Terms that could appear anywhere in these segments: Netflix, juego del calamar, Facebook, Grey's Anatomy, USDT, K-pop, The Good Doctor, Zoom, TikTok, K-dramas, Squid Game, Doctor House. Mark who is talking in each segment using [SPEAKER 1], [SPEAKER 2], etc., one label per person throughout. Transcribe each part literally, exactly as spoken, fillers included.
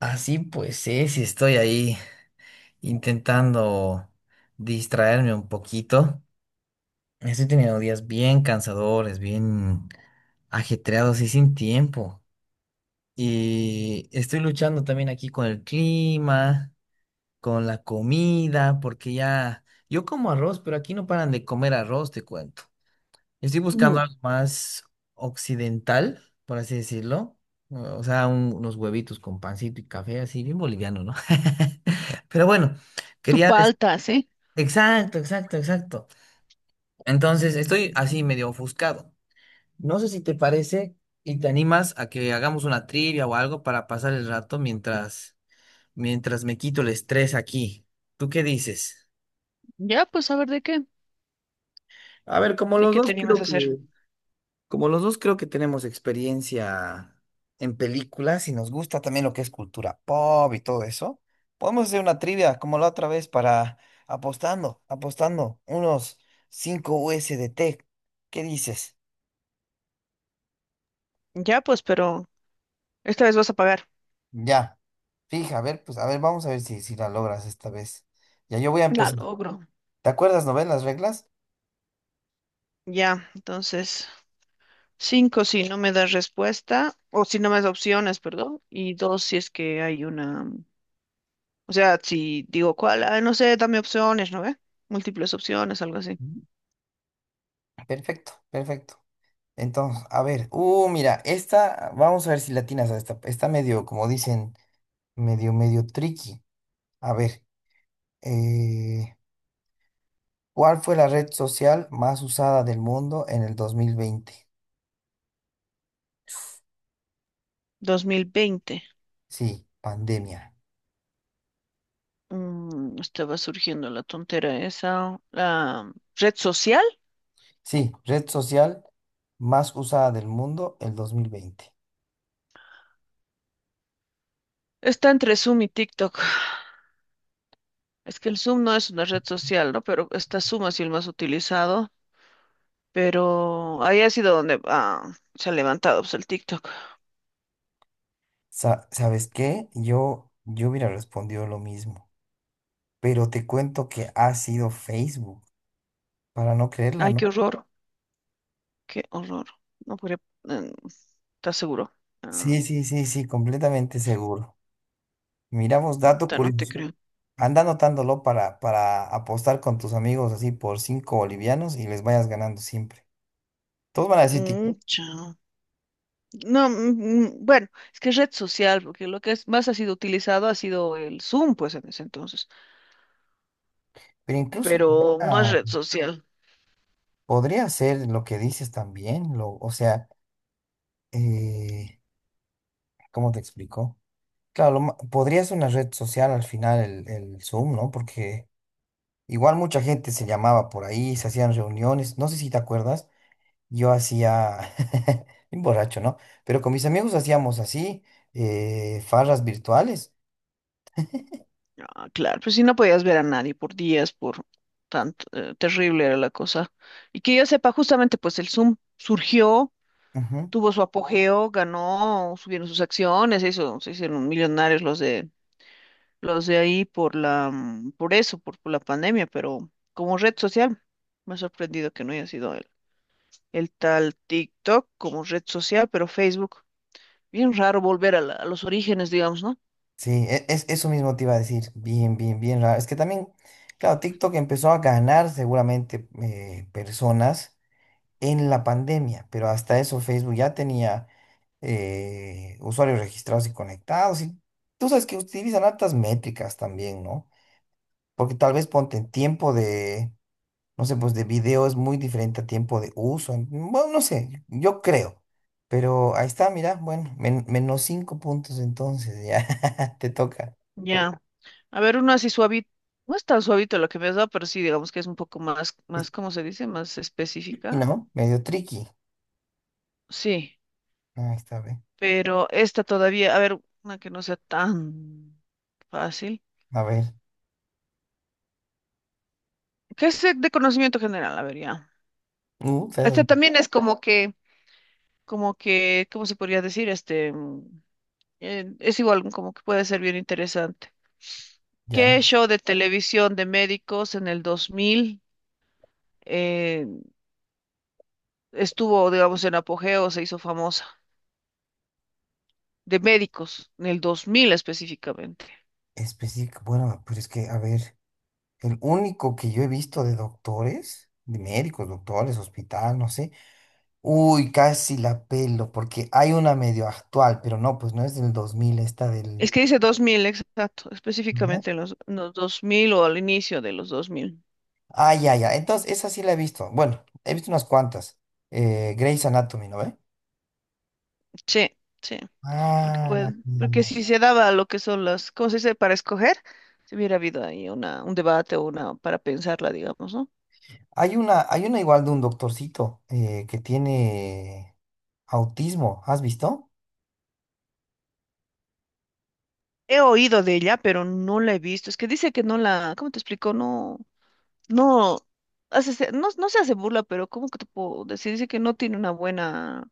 [SPEAKER 1] Así pues sí y estoy ahí intentando distraerme un poquito. Estoy teniendo días bien cansadores, bien ajetreados y sin tiempo. Y estoy luchando también aquí con el clima, con la comida, porque ya yo como arroz, pero aquí no paran de comer arroz, te cuento. Estoy buscando
[SPEAKER 2] Ujú.
[SPEAKER 1] algo más occidental, por así decirlo. O sea, un- unos huevitos con pancito y café, así bien boliviano, ¿no? Pero bueno,
[SPEAKER 2] Tu
[SPEAKER 1] quería... des-
[SPEAKER 2] palta, ¿sí?
[SPEAKER 1] Exacto, exacto, exacto. Entonces, estoy así medio ofuscado. No sé si te parece y te animas a que hagamos una trivia o algo para pasar el rato mientras, mientras me quito el estrés aquí. ¿Tú qué dices?
[SPEAKER 2] Ya, pues a ver de qué,
[SPEAKER 1] A ver, como
[SPEAKER 2] de
[SPEAKER 1] los
[SPEAKER 2] qué te
[SPEAKER 1] dos
[SPEAKER 2] animas
[SPEAKER 1] creo
[SPEAKER 2] a hacer.
[SPEAKER 1] que... Como los dos creo que tenemos experiencia en películas y nos gusta también lo que es cultura pop y todo eso, podemos hacer una trivia como la otra vez para apostando, apostando unos cinco U S D T. ¿Qué dices?
[SPEAKER 2] Ya, pues, pero esta vez vas a pagar.
[SPEAKER 1] Ya. Fija, a ver, pues a ver, vamos a ver si, si la logras esta vez. Ya yo voy a
[SPEAKER 2] La
[SPEAKER 1] empezar.
[SPEAKER 2] logro.
[SPEAKER 1] ¿Te acuerdas, no ves las reglas?
[SPEAKER 2] Ya, entonces, cinco si no me das respuesta, o si no me das opciones, perdón, y dos si es que hay una, o sea, si digo cuál, ah, no sé, dame opciones, ¿no ve? Múltiples opciones, algo así.
[SPEAKER 1] Ujú. Perfecto, perfecto. Entonces, a ver, uh, mira, esta, vamos a ver si latinas a esta. Está medio, como dicen, medio, medio tricky. A ver, eh, ¿cuál fue la red social más usada del mundo en el dos mil veinte?
[SPEAKER 2] dos mil veinte,
[SPEAKER 1] Sí, pandemia.
[SPEAKER 2] mm, estaba surgiendo la tontera esa, la red social,
[SPEAKER 1] Sí, red social más usada del mundo el dos mil veinte.
[SPEAKER 2] está entre Zoom y TikTok. Es que el Zoom no es una red social, ¿no? Pero está Zoom ha sido el más utilizado. Pero ahí ha sido donde ah, se ha levantado, pues, el TikTok.
[SPEAKER 1] Sa- ¿sabes qué? Yo, yo hubiera respondido lo mismo, pero te cuento que ha sido Facebook, para no creerla,
[SPEAKER 2] Ay, qué
[SPEAKER 1] ¿no?
[SPEAKER 2] horror, qué horror. No podría, eh, ¿estás seguro? Ah,
[SPEAKER 1] Sí, sí, sí, sí, completamente seguro. Miramos dato
[SPEAKER 2] puta, no te
[SPEAKER 1] curioso.
[SPEAKER 2] creo.
[SPEAKER 1] Anda anotándolo para, para apostar con tus amigos así por cinco bolivianos y les vayas ganando siempre. Todos van a decir TikTok,
[SPEAKER 2] Mm, chao. No, mm, mm, bueno, es que es red social, porque lo que es- más ha sido utilizado ha sido el Zoom, pues en ese entonces,
[SPEAKER 1] pero incluso
[SPEAKER 2] pero no es
[SPEAKER 1] podría,
[SPEAKER 2] red social.
[SPEAKER 1] podría ser lo que dices también, lo, o sea, eh, ¿cómo te explico? Claro, lo ma- podría ser una red social al final el, el Zoom, ¿no? Porque igual mucha gente se llamaba por ahí, se hacían reuniones, no sé si te acuerdas, yo hacía, bien borracho, ¿no? Pero con mis amigos hacíamos así, eh, farras virtuales.
[SPEAKER 2] Ah, claro, pues si no podías ver a nadie por días, por tanto, eh, terrible era la cosa. Y que yo sepa, justamente pues el Zoom surgió, tuvo su apogeo, ganó, subieron sus acciones, se hizo, se hicieron millonarios los de los de ahí por la mm, por eso, por, por la pandemia, pero como red social me ha sorprendido que no haya sido el, el tal TikTok como red social, pero Facebook, bien raro volver a, la- a los orígenes, digamos, ¿no?
[SPEAKER 1] Sí, e- es, eso mismo te iba a decir. Bien, bien, bien raro. Es que también, claro, TikTok empezó a ganar seguramente eh, personas en la pandemia, pero hasta eso Facebook ya tenía eh, usuarios registrados y conectados. Y tú sabes que utilizan altas métricas también, ¿no? Porque tal vez ponte en tiempo de, no sé, pues de video es muy diferente a tiempo de uso. en- Bueno, no sé, yo creo. Pero ahí está, mira, bueno, men- menos cinco puntos entonces, ya te toca.
[SPEAKER 2] Ya. A ver, uno así suavito. No es tan suavito lo que me has dado, pero sí, digamos que es un poco más, más, ¿cómo se dice? Más
[SPEAKER 1] Y
[SPEAKER 2] específica.
[SPEAKER 1] no, medio tricky.
[SPEAKER 2] Sí,
[SPEAKER 1] Ahí está, ve.
[SPEAKER 2] pero esta todavía, a ver, una que no sea tan fácil.
[SPEAKER 1] A ver.
[SPEAKER 2] ¿Qué es de de conocimiento general? A ver, ya.
[SPEAKER 1] Mm,
[SPEAKER 2] Esta
[SPEAKER 1] esas-
[SPEAKER 2] también es como que, como que, ¿cómo se podría decir? Este, mm, eh, es igual, como que puede ser bien interesante.
[SPEAKER 1] ya.
[SPEAKER 2] ¿Qué show de televisión de médicos en el dos mil eh, estuvo, digamos, en apogeo o se hizo famosa? De médicos, en el dos mil específicamente.
[SPEAKER 1] Específico. Bueno, pues es que, a ver, el único que yo he visto de doctores, de médicos, doctores, hospital, no sé. Uy, casi la pelo, porque hay una medio actual, pero no, pues no es del dos mil esta
[SPEAKER 2] Es
[SPEAKER 1] del...
[SPEAKER 2] que dice dos mil, exacto,
[SPEAKER 1] ¿no?
[SPEAKER 2] específicamente en los, en los dos mil o al inicio de los dos mil.
[SPEAKER 1] Ah, ya, ya. Entonces, esa sí la he visto. Bueno, he visto unas cuantas. Eh, Grey's Anatomy, ¿no ve?
[SPEAKER 2] Sí, sí, porque,
[SPEAKER 1] Ah,
[SPEAKER 2] puede, porque
[SPEAKER 1] mm.
[SPEAKER 2] si se daba lo que son las, ¿cómo se dice? Para escoger, si hubiera habido ahí una, un debate o una para pensarla, digamos, ¿no?
[SPEAKER 1] hay una, hay una igual de un doctorcito eh, que tiene. Autismo, ¿has visto?
[SPEAKER 2] He oído de ella, pero no la he visto. Es que dice que no la, ¿cómo te explico? No, no, hace, se- no, no se hace burla, pero ¿cómo que te puedo decir? Dice que no tiene una buena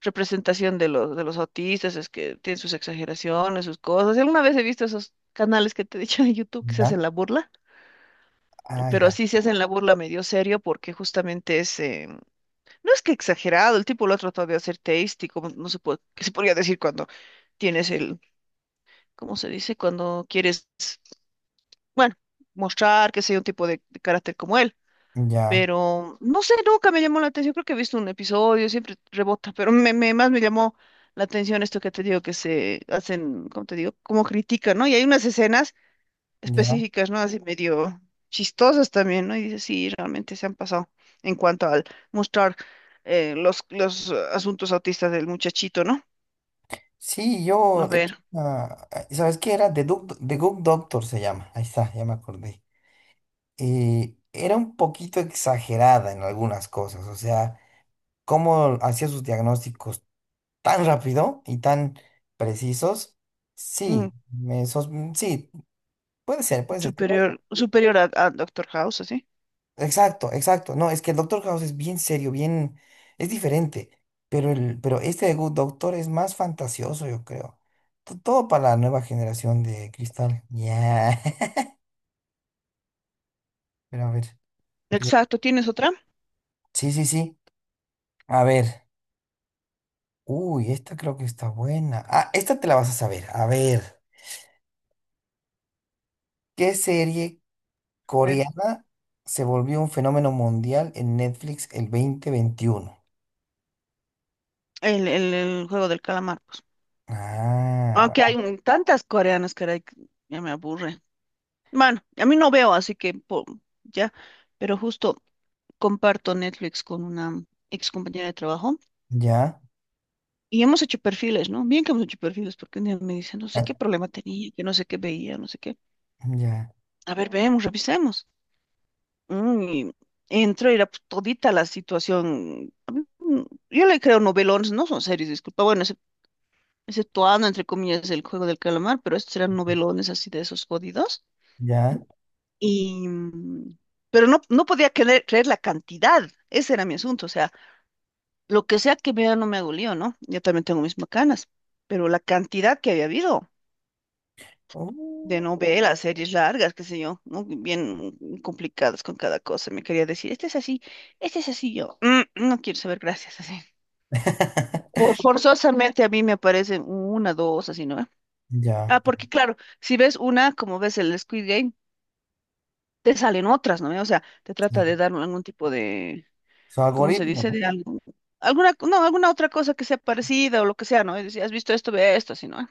[SPEAKER 2] representación de los, de los autistas, es que tienen sus exageraciones, sus cosas. Alguna vez he visto esos canales que te he dicho de YouTube que se hacen
[SPEAKER 1] Ya,
[SPEAKER 2] la burla,
[SPEAKER 1] ah,
[SPEAKER 2] pero
[SPEAKER 1] ya,
[SPEAKER 2] sí se hacen la burla medio serio porque justamente es, eh, no es que exagerado, el tipo lo ha tratado de hacer teístico, como no se puede, que se podría decir cuando tienes el, ¿cómo se dice? Cuando quieres, bueno, mostrar que sea un tipo de de carácter como él.
[SPEAKER 1] ya,
[SPEAKER 2] Pero no sé, nunca me llamó la atención, creo que he visto un episodio, siempre rebota, pero me, me- más me llamó la atención esto que te digo, que se hacen, ¿cómo te digo? Como critican, ¿no? Y hay unas escenas
[SPEAKER 1] ya.
[SPEAKER 2] específicas, ¿no? Así medio chistosas también, ¿no? Y dices, sí, realmente se han pasado en cuanto al mostrar eh, los, los eh, asuntos autistas del muchachito, ¿no?
[SPEAKER 1] Sí,
[SPEAKER 2] A
[SPEAKER 1] yo, he
[SPEAKER 2] ver,
[SPEAKER 1] visto una- ah, ¿sabes qué era? The Good, The Good Doctor se llama, ahí está, ya me acordé. Eh, era un poquito exagerada en algunas cosas, o sea, cómo hacía sus diagnósticos tan rápido y tan precisos.
[SPEAKER 2] mm,
[SPEAKER 1] Sí, me sos- mm, sí, puede ser, puede ser.
[SPEAKER 2] superior, superior a, a Doctor House, así.
[SPEAKER 1] Exacto, exacto. No, es que el Doctor House es bien serio, bien, es diferente. Pero el, pero este de Good Doctor es más fantasioso, yo creo. To- Todo para la nueva generación de Cristal. Ya. Pero a ver. Ya.
[SPEAKER 2] Exacto, ¿tienes otra?
[SPEAKER 1] Sí, sí, sí. A ver. Uy, esta creo que está buena. Ah, esta te la vas a saber. A ver. ¿Qué serie
[SPEAKER 2] A ver,
[SPEAKER 1] coreana se volvió un fenómeno mundial en Netflix el dos mil veintiuno?
[SPEAKER 2] el, el, el juego del calamar, pues.
[SPEAKER 1] Ah,
[SPEAKER 2] Aunque hay
[SPEAKER 1] bueno,
[SPEAKER 2] un- tantas coreanas, caray, que ya me aburre. Bueno, a mí no veo, así que po- ya, pero justo comparto Netflix con una ex compañera de trabajo
[SPEAKER 1] ya.
[SPEAKER 2] y hemos hecho perfiles, ¿no? Bien que hemos hecho perfiles, porque un día me dice, no sé qué problema tenía, que no sé qué veía, no sé qué.
[SPEAKER 1] Ya.
[SPEAKER 2] A ver, vemos, revisemos. Mm, y entro y era, pues, todita la situación. a mí, mm, Yo le creo novelones, no son series, disculpa. Bueno, exceptuando, entre comillas, el juego del calamar, pero estos eran novelones así de esos jodidos,
[SPEAKER 1] Ya.
[SPEAKER 2] Y, mm, pero no, no podía creer, creer, la cantidad, ese era mi asunto, o sea, lo que sea que vea no me hago lío, ¿no? Yo también tengo mis macanas, pero la cantidad que había habido de
[SPEAKER 1] Uh,
[SPEAKER 2] novelas, series largas, qué sé yo, ¿no? Bien complicadas con cada cosa, me quería decir, este es así, este es así, yo: "Mm, no quiero saber, gracias", así. Por, forzosamente a mí me aparecen una, dos, así, ¿no?
[SPEAKER 1] Ya,
[SPEAKER 2] Ah,
[SPEAKER 1] pues,
[SPEAKER 2] porque claro, si ves una, como ves el Squid Game, te salen otras, ¿no? O sea, te trata de
[SPEAKER 1] sí.
[SPEAKER 2] dar algún tipo de,
[SPEAKER 1] Su
[SPEAKER 2] ¿cómo se
[SPEAKER 1] algoritmo,
[SPEAKER 2] dice?
[SPEAKER 1] ¿no?
[SPEAKER 2] De algo, alguna, no, alguna otra cosa que sea parecida o lo que sea, ¿no? Y decía, has visto esto, ve esto, así, ¿no?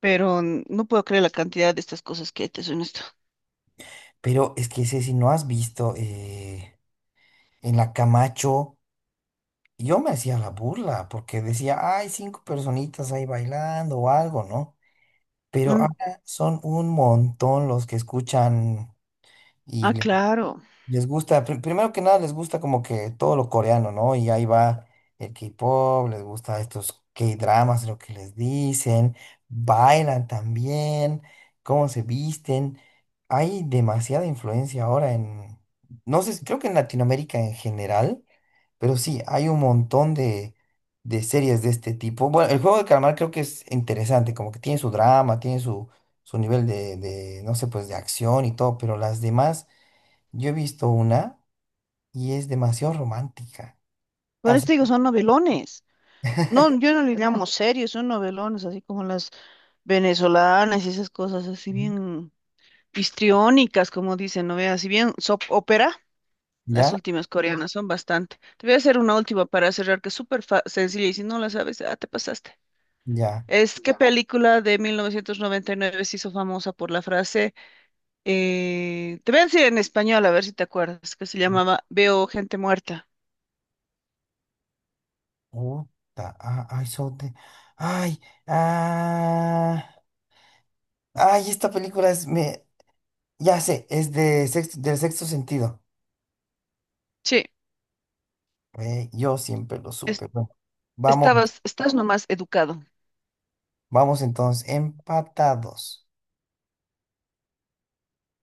[SPEAKER 2] Pero mm, no puedo creer la cantidad de estas cosas que hay, te soy honesto.
[SPEAKER 1] Pero es que ese si no has visto eh, en la Camacho, yo me hacía la burla porque decía, hay cinco personitas ahí bailando o algo, ¿no? Pero
[SPEAKER 2] Mm,
[SPEAKER 1] ahora son un montón los que escuchan
[SPEAKER 2] ah,
[SPEAKER 1] y
[SPEAKER 2] claro.
[SPEAKER 1] les gusta, pri- primero que nada, les gusta como que todo lo coreano, ¿no? Y ahí va el K-pop, les gusta estos K-dramas, lo que les dicen, bailan también, cómo se visten. Hay demasiada influencia ahora en, no sé, creo que en Latinoamérica en general, pero sí, hay un montón de, de, series de este tipo. Bueno, el juego de calamar creo que es interesante, como que tiene su drama, tiene su, su nivel de, de, no sé, pues de acción y todo, pero las demás. Yo he visto una y es demasiado romántica.
[SPEAKER 2] Por
[SPEAKER 1] Así,
[SPEAKER 2] esto digo, son novelones. No, yo no le llamo serios, son novelones, así como las venezolanas y esas cosas, así
[SPEAKER 1] Ujú.
[SPEAKER 2] bien histriónicas, como dicen, ¿no? Veas, si bien soap opera, las
[SPEAKER 1] Ya,
[SPEAKER 2] últimas coreanas son bastante. Te voy a hacer una última para cerrar, que es súper fa- sencilla, y si no la sabes, ah, te pasaste.
[SPEAKER 1] ya.
[SPEAKER 2] Es que película de mil novecientos noventa y nueve se hizo famosa por la frase, eh, te voy a decir en español, a ver si te acuerdas, que se llamaba Veo gente muerta.
[SPEAKER 1] Puta, ah, ay, so te- ay, ah, ay, esta película es, me, ya sé, es de sexto, del sexto sentido.
[SPEAKER 2] Sí,
[SPEAKER 1] Ve, yo siempre lo
[SPEAKER 2] es-
[SPEAKER 1] supe. Bueno, vamos,
[SPEAKER 2] estabas, estás nomás educado.
[SPEAKER 1] vamos entonces, empatados.